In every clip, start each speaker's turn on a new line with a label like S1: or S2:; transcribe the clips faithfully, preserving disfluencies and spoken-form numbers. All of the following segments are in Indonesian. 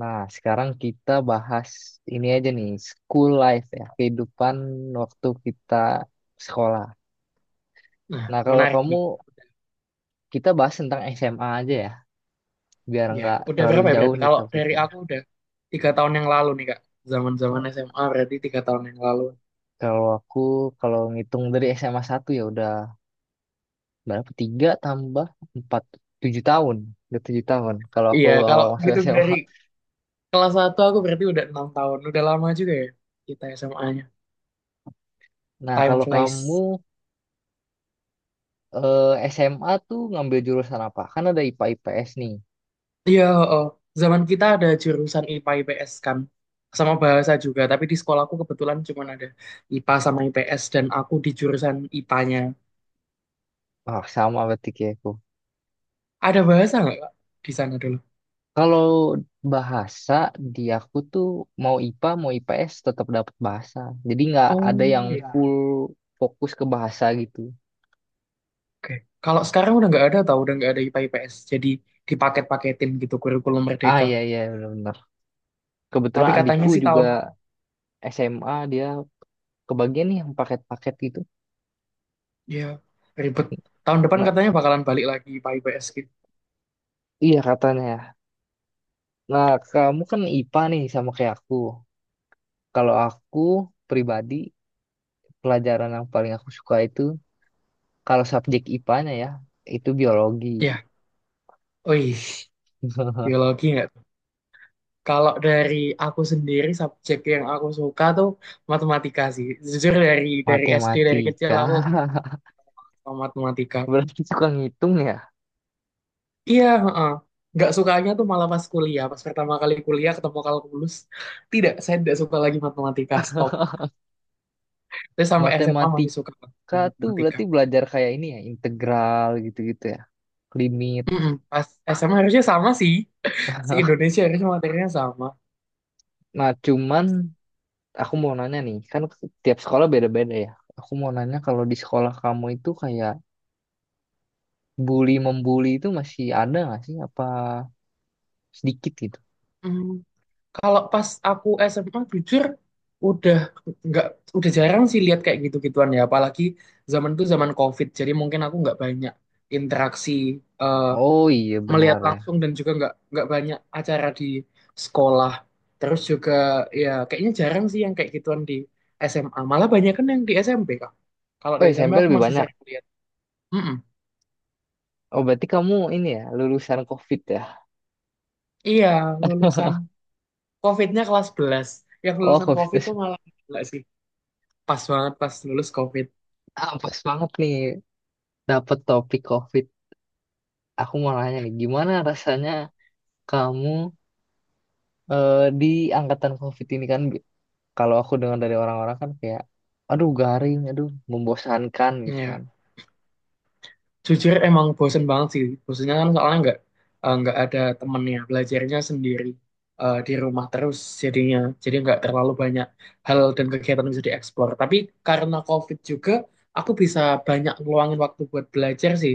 S1: Nah, sekarang kita bahas ini aja nih, school life ya, kehidupan waktu kita sekolah.
S2: Nah,
S1: Nah, kalau
S2: menarik
S1: kamu,
S2: nih.
S1: kita bahas tentang S M A aja ya, biar
S2: Ya,
S1: nggak
S2: udah
S1: terlalu
S2: berapa ya
S1: jauh
S2: berarti?
S1: nih
S2: Kalau dari
S1: topiknya.
S2: aku udah tiga tahun yang lalu nih Kak. Zaman-zaman
S1: Kalau
S2: S M A berarti tiga tahun yang lalu.
S1: kalau aku, kalau ngitung dari S M A satu ya udah berapa? Tiga tambah empat tujuh tahun. Udah tujuh tahun, kalau aku
S2: Iya, kalau
S1: awal masuk
S2: gitu dari
S1: S M A.
S2: kelas satu aku berarti udah enam tahun. Udah lama juga ya kita S M A-nya.
S1: Nah,
S2: Time
S1: kalau kamu
S2: flies.
S1: eh, S M A tuh ngambil jurusan apa? Kan ada I P A-I P S nih.
S2: Iya, oh. Zaman kita ada jurusan I P A I P S kan. Sama bahasa juga, tapi di sekolahku kebetulan cuma ada I P A sama I P S dan aku di jurusan I P A-nya.
S1: Ah, sama berarti kayak aku.
S2: Ada bahasa nggak Kak, di sana dulu?
S1: Kalau bahasa di aku tuh mau I P A mau I P S tetap dapat bahasa. Jadi nggak ada yang
S2: Oh,
S1: full
S2: iya.
S1: fokus ke bahasa gitu.
S2: Oke. Kalau sekarang udah nggak ada tau, udah nggak ada I P A I P S. Jadi dipaket-paketin gitu kurikulum
S1: Ah,
S2: Merdeka.
S1: iya iya benar-benar.
S2: Tapi
S1: Kebetulan
S2: katanya
S1: adikku
S2: sih
S1: juga
S2: tahun,
S1: S M A dia kebagian nih yang paket-paket gitu.
S2: ya ribet. Tahun depan
S1: Nah,
S2: katanya bakalan balik lagi I P A I P S gitu.
S1: iya katanya. Nah, kamu kan I P A nih sama kayak aku. Kalau aku pribadi, pelajaran yang paling aku suka itu kalau subjek I P A-nya ya itu biologi,
S2: Ya, oi, biologi nggak tuh? Kalau dari aku sendiri subjek yang aku suka tuh matematika sih. Jujur dari dari S D dari kecil
S1: matematika.
S2: aku suka matematika.
S1: Berarti suka ngitung ya.
S2: Iya, heeh. Nggak sukanya tuh malah pas kuliah. Pas pertama kali kuliah ketemu kalkulus, tidak, saya tidak suka lagi matematika. Stop. Terus sama S M A masih suka banget
S1: Matematika
S2: sama
S1: tuh
S2: matematika.
S1: berarti belajar kayak ini ya, integral gitu-gitu ya, limit.
S2: Mm-mm. Pas S M A harusnya sama sih. Si Indonesia harusnya materinya sama.
S1: Nah, cuman aku mau nanya nih, kan tiap sekolah beda-beda ya. Aku mau nanya kalau di sekolah kamu itu kayak bully membuli itu masih ada nggak sih? Apa sedikit gitu?
S2: Mm, Kalau pas aku S M A jujur udah nggak udah jarang sih lihat kayak gitu-gituan ya. Apalagi zaman itu zaman COVID. Jadi mungkin aku nggak banyak interaksi eh,
S1: Oh, iya
S2: melihat
S1: benar ya.
S2: langsung, dan juga nggak nggak banyak acara di sekolah. Terus juga ya kayaknya jarang sih yang kayak gituan di S M A. Malah banyak kan yang di S M P kak. Kalau
S1: Oh,
S2: di S M P
S1: S M P
S2: aku
S1: lebih
S2: masih
S1: banyak.
S2: sering lihat. Mm-mm.
S1: Oh, berarti kamu ini ya lulusan COVID ya?
S2: Iya, lulusan COVID-nya kelas sebelas. Yang
S1: Oh
S2: lulusan
S1: COVID
S2: COVID tuh
S1: itu-
S2: malah gila sih. Pas banget pas lulus COVID.
S1: ah, pas banget nih dapet topik COVID. Aku mau nanya nih, gimana rasanya kamu eh, di angkatan COVID ini kan bi- kalau aku dengar dari orang-orang kan kayak aduh garing, aduh membosankan gitu kan.
S2: Iya. Jujur emang bosen banget sih. Bosennya kan soalnya nggak eh, nggak ada temennya. Belajarnya sendiri eh, di rumah terus jadinya. Jadi nggak terlalu banyak hal dan kegiatan yang bisa dieksplor. Tapi karena COVID juga, aku bisa banyak ngeluangin waktu buat belajar sih.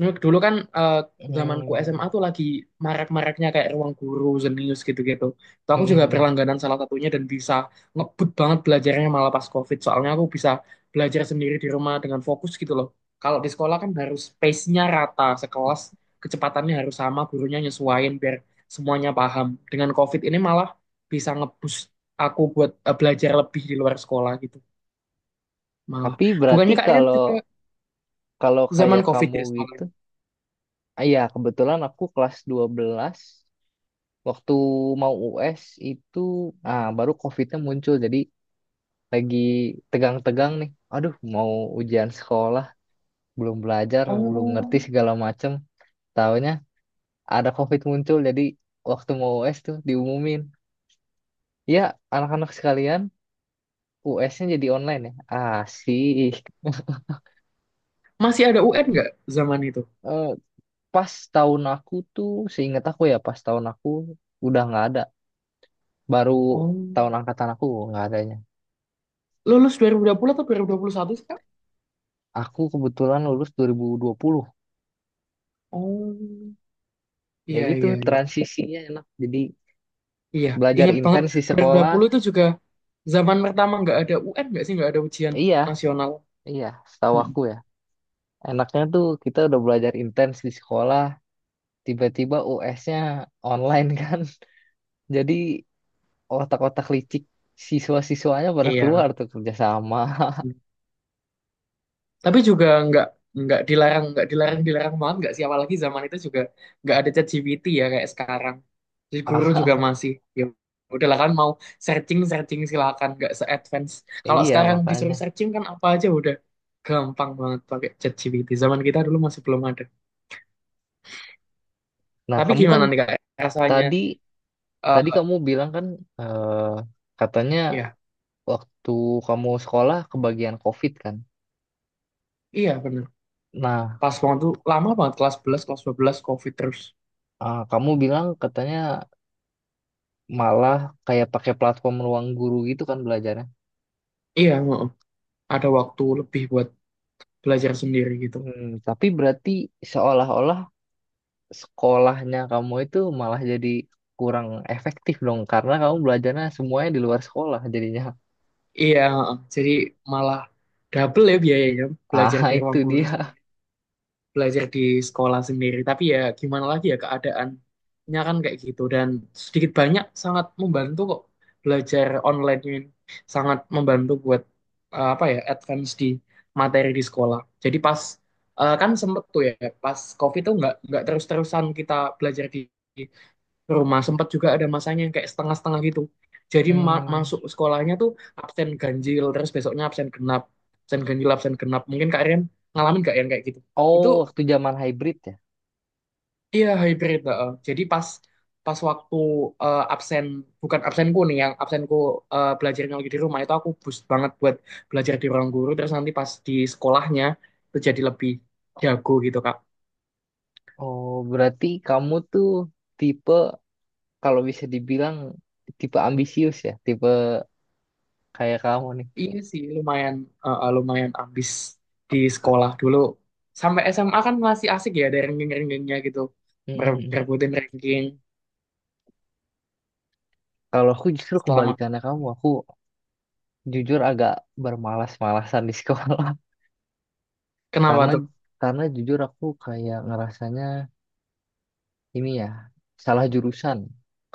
S2: Nah, dulu kan eh, zamanku
S1: Hmm.
S2: S M A tuh lagi marak-maraknya kayak ruang guru, Zenius gitu-gitu. Tuh
S1: Mm,
S2: aku
S1: mm,
S2: juga
S1: mm.
S2: berlangganan salah satunya, dan bisa ngebut banget belajarnya malah pas COVID. Soalnya aku bisa belajar sendiri di rumah dengan fokus gitu loh. Kalau di sekolah kan harus pace-nya rata, sekelas kecepatannya harus sama, gurunya nyesuaiin biar semuanya paham. Dengan COVID ini malah bisa ngebus aku buat eh, belajar lebih di luar sekolah gitu. Malah.
S1: Tapi berarti
S2: Bukannya Kak Rian
S1: kalau
S2: juga
S1: kalau
S2: zaman
S1: kayak
S2: COVID
S1: kamu
S2: ya
S1: gitu,
S2: sekolahnya?
S1: ah, ya kebetulan aku kelas dua belas waktu mau U S itu ah baru COVID-nya muncul jadi lagi tegang-tegang nih. Aduh, mau ujian sekolah, belum belajar, belum ngerti
S2: Oh.
S1: segala macem. Taunya ada COVID muncul jadi waktu mau U S tuh diumumin ya anak-anak sekalian U S-nya jadi online ya asik.
S2: Masih ada U N nggak zaman itu?
S1: Eh, Pas tahun aku tuh seingat aku ya, pas tahun aku udah nggak ada, baru
S2: Oh,
S1: tahun angkatan aku nggak adanya,
S2: lulus dua ribu dua puluh atau dua ribu dua puluh satu sih, Kak?
S1: aku kebetulan lulus dua ribu dua puluh,
S2: Oh,
S1: ya
S2: iya,
S1: gitu
S2: iya, iya.
S1: transisinya enak jadi
S2: Iya,
S1: belajar
S2: ingat banget.
S1: intens di sekolah.
S2: dua puluh dua puluh itu juga zaman pertama nggak ada U N nggak sih? Nggak ada ujian
S1: Iya
S2: nasional.
S1: iya setahu
S2: Mm.
S1: aku ya, enaknya tuh kita udah belajar intens di sekolah tiba-tiba U S-nya online kan jadi otak-otak licik siswa-siswanya pada keluar
S2: Iya.
S1: tuh kerjasama.
S2: Tapi juga nggak nggak dilarang, nggak dilarang dilarang banget, nggak sih? Apalagi zaman itu juga nggak ada ChatGPT ya kayak sekarang. Jadi guru juga
S1: Ah,
S2: masih ya udahlah, kan mau searching searching silakan, nggak se-advance kalau
S1: iya
S2: sekarang.
S1: makanya.
S2: Disuruh searching kan apa aja udah gampang banget pakai ChatGPT. Zaman kita dulu masih belum ada.
S1: Nah,
S2: Tapi
S1: kamu kan
S2: gimana nih Kak rasanya?
S1: tadi tadi
S2: Eh,
S1: kamu bilang kan, eh, katanya
S2: ya,
S1: waktu kamu sekolah kebagian COVID kan.
S2: iya bener.
S1: Nah,
S2: Pas waktu lama banget kelas sebelas kelas dua belas COVID terus.
S1: ah, kamu bilang katanya malah kayak pakai platform ruang guru gitu kan belajarnya.
S2: Iya, heeh. Ada waktu lebih buat belajar sendiri gitu.
S1: Hmm, tapi berarti seolah-olah sekolahnya kamu itu malah jadi kurang efektif dong karena kamu belajarnya semuanya di luar sekolah jadinya.
S2: Iya, heeh. Jadi malah double ya biayanya,
S1: Ah,
S2: belajar di
S1: itu
S2: ruang guru
S1: dia.
S2: sendiri, belajar di sekolah sendiri. Tapi ya gimana lagi ya, keadaannya kan kayak gitu, dan sedikit banyak sangat membantu kok belajar online ini. Sangat membantu buat eh, apa ya, advance di materi di sekolah. Jadi pas eh, kan sempet tuh ya, pas COVID tuh nggak nggak terus-terusan kita belajar di rumah. Sempat juga ada masanya yang kayak setengah-setengah gitu. Jadi ma-
S1: Hmm.
S2: masuk sekolahnya tuh absen ganjil, terus besoknya absen genap, absen ganjil, absen genap. Mungkin Kak Rian ngalamin gak yang kayak gitu?
S1: Oh,
S2: Itu,
S1: waktu zaman hybrid ya.
S2: iya, hybrid, heeh. Jadi pas pas waktu eh, absen, bukan absenku nih, yang absenku eh, belajarnya lagi di rumah, itu aku boost banget buat belajar di ruang guru. Terus nanti pas di sekolahnya itu jadi lebih jago gitu Kak.
S1: Oh, berarti kamu tuh tipe, kalau bisa dibilang, tipe ambisius ya, tipe kayak kamu nih.
S2: Iya sih lumayan eh, lumayan ambis di sekolah dulu. Sampai S M A kan masih asik ya, ada ranking-rankingnya gitu. Mere-
S1: Mm-mm.
S2: merebutin ranking.
S1: Kalau aku justru
S2: setelah ma-
S1: kebalikannya kamu, aku jujur agak bermalas-malasan di sekolah
S2: kenapa
S1: karena
S2: tuh?
S1: karena jujur aku kayak ngerasanya ini ya, salah jurusan,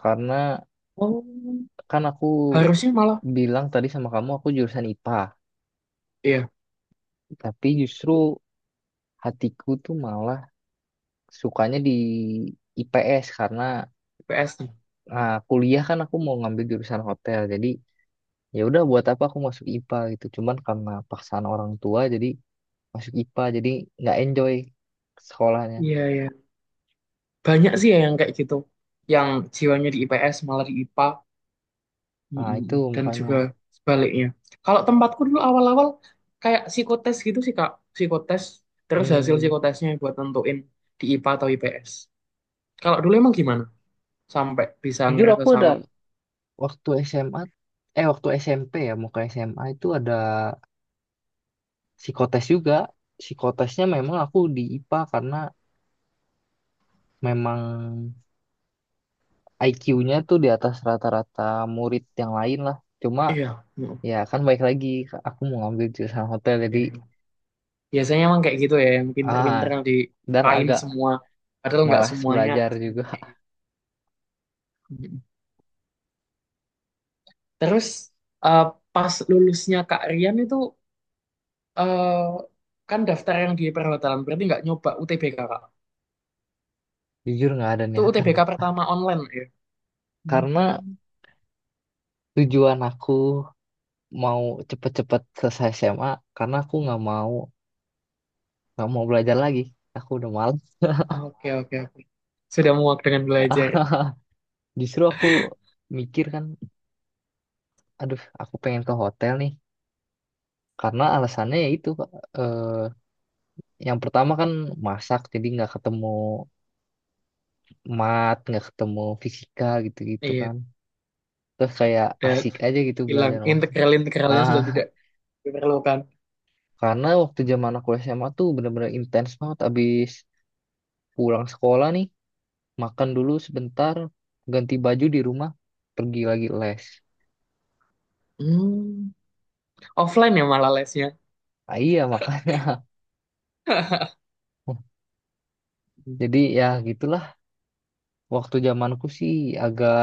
S1: karena
S2: Oh,
S1: kan aku
S2: harusnya malah
S1: bilang tadi sama kamu aku jurusan I P A
S2: iya
S1: tapi justru hatiku tuh malah sukanya di I P S karena
S2: I P S nih.
S1: ah, kuliah kan aku mau ngambil jurusan hotel jadi ya udah buat apa aku masuk I P A gitu cuman karena paksaan orang tua jadi masuk I P A jadi nggak enjoy sekolahnya.
S2: Iya, iya, banyak sih ya yang kayak gitu, yang jiwanya di I P S malah di I P A.
S1: Ah
S2: Mm-mm.
S1: itu
S2: Dan
S1: makanya.
S2: juga sebaliknya. Kalau tempatku dulu awal-awal kayak psikotes gitu sih Kak, psikotes, terus hasil
S1: Hmm,
S2: psikotesnya buat nentuin di I P A atau I P S, kalau dulu. Emang gimana sampai bisa
S1: jujur
S2: ngerasa
S1: aku ada
S2: salah?
S1: waktu S M A, eh waktu S M P ya mau ke S M A itu, ada psikotes juga, psikotesnya memang aku di I P A karena memang I Q-nya tuh di atas rata-rata murid yang lain lah, cuma
S2: Iya. Mm,
S1: ya kan baik lagi aku mau ngambil jurusan hotel
S2: iya,
S1: jadi
S2: iya. Biasanya emang kayak gitu ya, yang
S1: ah
S2: pinter-pinter yang
S1: dan
S2: dikain
S1: agak
S2: semua. Padahal nggak
S1: malas
S2: semuanya
S1: belajar
S2: sama
S1: juga.
S2: kayak gitu. Mm. Terus eh, pas lulusnya Kak Rian itu eh, kan daftar yang di perhotelan, berarti nggak nyoba U T B K Kak.
S1: Jujur nggak ada
S2: Itu
S1: niatan
S2: U T B K pertama online ya?
S1: karena
S2: Hmm.
S1: tujuan aku mau cepet-cepet selesai S M A karena aku nggak mau nggak mau belajar lagi, aku udah malas.
S2: Oke, oke, oke. Sudah muak dengan belajar.
S1: Justru aku mikir kan aduh aku pengen ke hotel nih karena alasannya ya itu Kak. eh, yang pertama kan masak jadi nggak ketemu mat nggak ketemu fisika gitu-gitu
S2: Iya,
S1: kan, terus kayak
S2: udah
S1: asik aja gitu
S2: hilang.
S1: belajar mas.
S2: Integral-integralnya
S1: Ah,
S2: sudah tidak diperlukan.
S1: karena waktu zaman aku S M A tuh bener-bener intens banget, abis pulang sekolah nih makan dulu sebentar, ganti baju di rumah, pergi lagi les.
S2: Hmm, offline ya malah lesnya.
S1: Ah, iya makanya. Jadi ya gitulah, waktu zamanku sih agak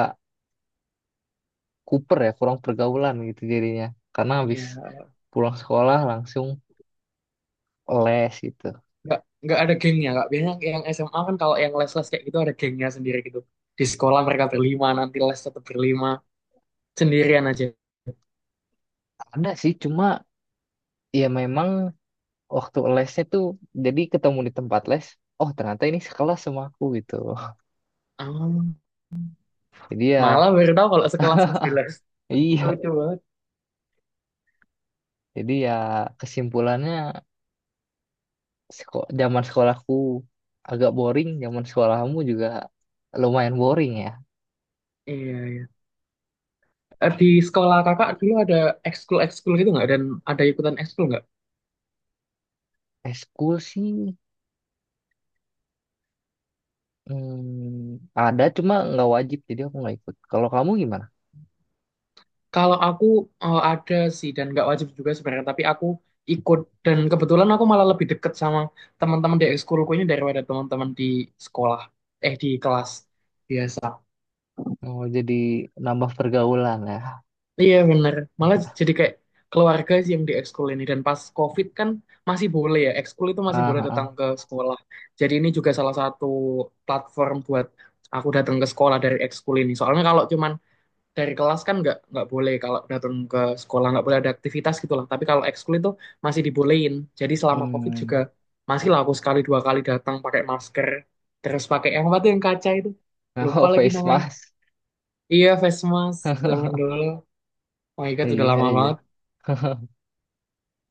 S1: kuper ya, kurang pergaulan gitu jadinya, karena habis
S2: Iya,
S1: pulang sekolah langsung les gitu.
S2: nggak nggak ada gengnya kak. Biasanya yang S M A kan kalau yang les-les kayak gitu ada gengnya sendiri gitu. Di sekolah mereka berlima, nanti les tetap berlima, sendirian aja.
S1: Ada sih cuma ya memang waktu lesnya tuh jadi ketemu di tempat les, oh ternyata ini sekelas sama aku gitu.
S2: Ah,
S1: Jadi ya
S2: malah baru tahu kalau sekelas masih di les.
S1: iya,
S2: Lucu banget.
S1: jadi ya kesimpulannya seko zaman sekolahku agak boring, zaman sekolahmu juga lumayan boring ya.
S2: Iya, iya. Eh, di sekolah kakak dulu ada ekskul-ekskul gitu nggak? Dan ada ikutan ekskul nggak?
S1: Eskul sih, hmm, ada cuma nggak wajib jadi aku nggak ikut, kalau kamu gimana?
S2: Kalau aku eh, ada sih, dan nggak wajib juga sebenarnya. Tapi aku ikut, dan kebetulan aku malah lebih deket sama teman-teman di ekskulku ini daripada teman-teman di sekolah, eh di kelas biasa.
S1: Mau jadi nambah pergaulan ya.
S2: Iya bener, malah jadi kayak keluarga sih yang di ekskul ini. Dan pas COVID kan masih boleh ya, ekskul itu masih
S1: Ah,
S2: boleh
S1: ah,
S2: datang
S1: ah.
S2: ke sekolah. Jadi ini juga salah satu platform buat aku datang ke sekolah dari ekskul ini. Soalnya kalau cuman dari kelas kan nggak nggak boleh. Kalau datang ke sekolah nggak boleh ada aktivitas gitu lah. Tapi kalau ekskul itu masih dibolehin. Jadi selama COVID juga
S1: Hmm.
S2: masih lah aku sekali dua kali datang pakai masker, terus pakai yang apa tuh yang kaca itu, lupa
S1: Oh,
S2: lagi
S1: face
S2: namanya.
S1: mask.
S2: Iya, face mask zaman dulu. Oh my God, udah
S1: Iya
S2: lama
S1: iya.
S2: banget.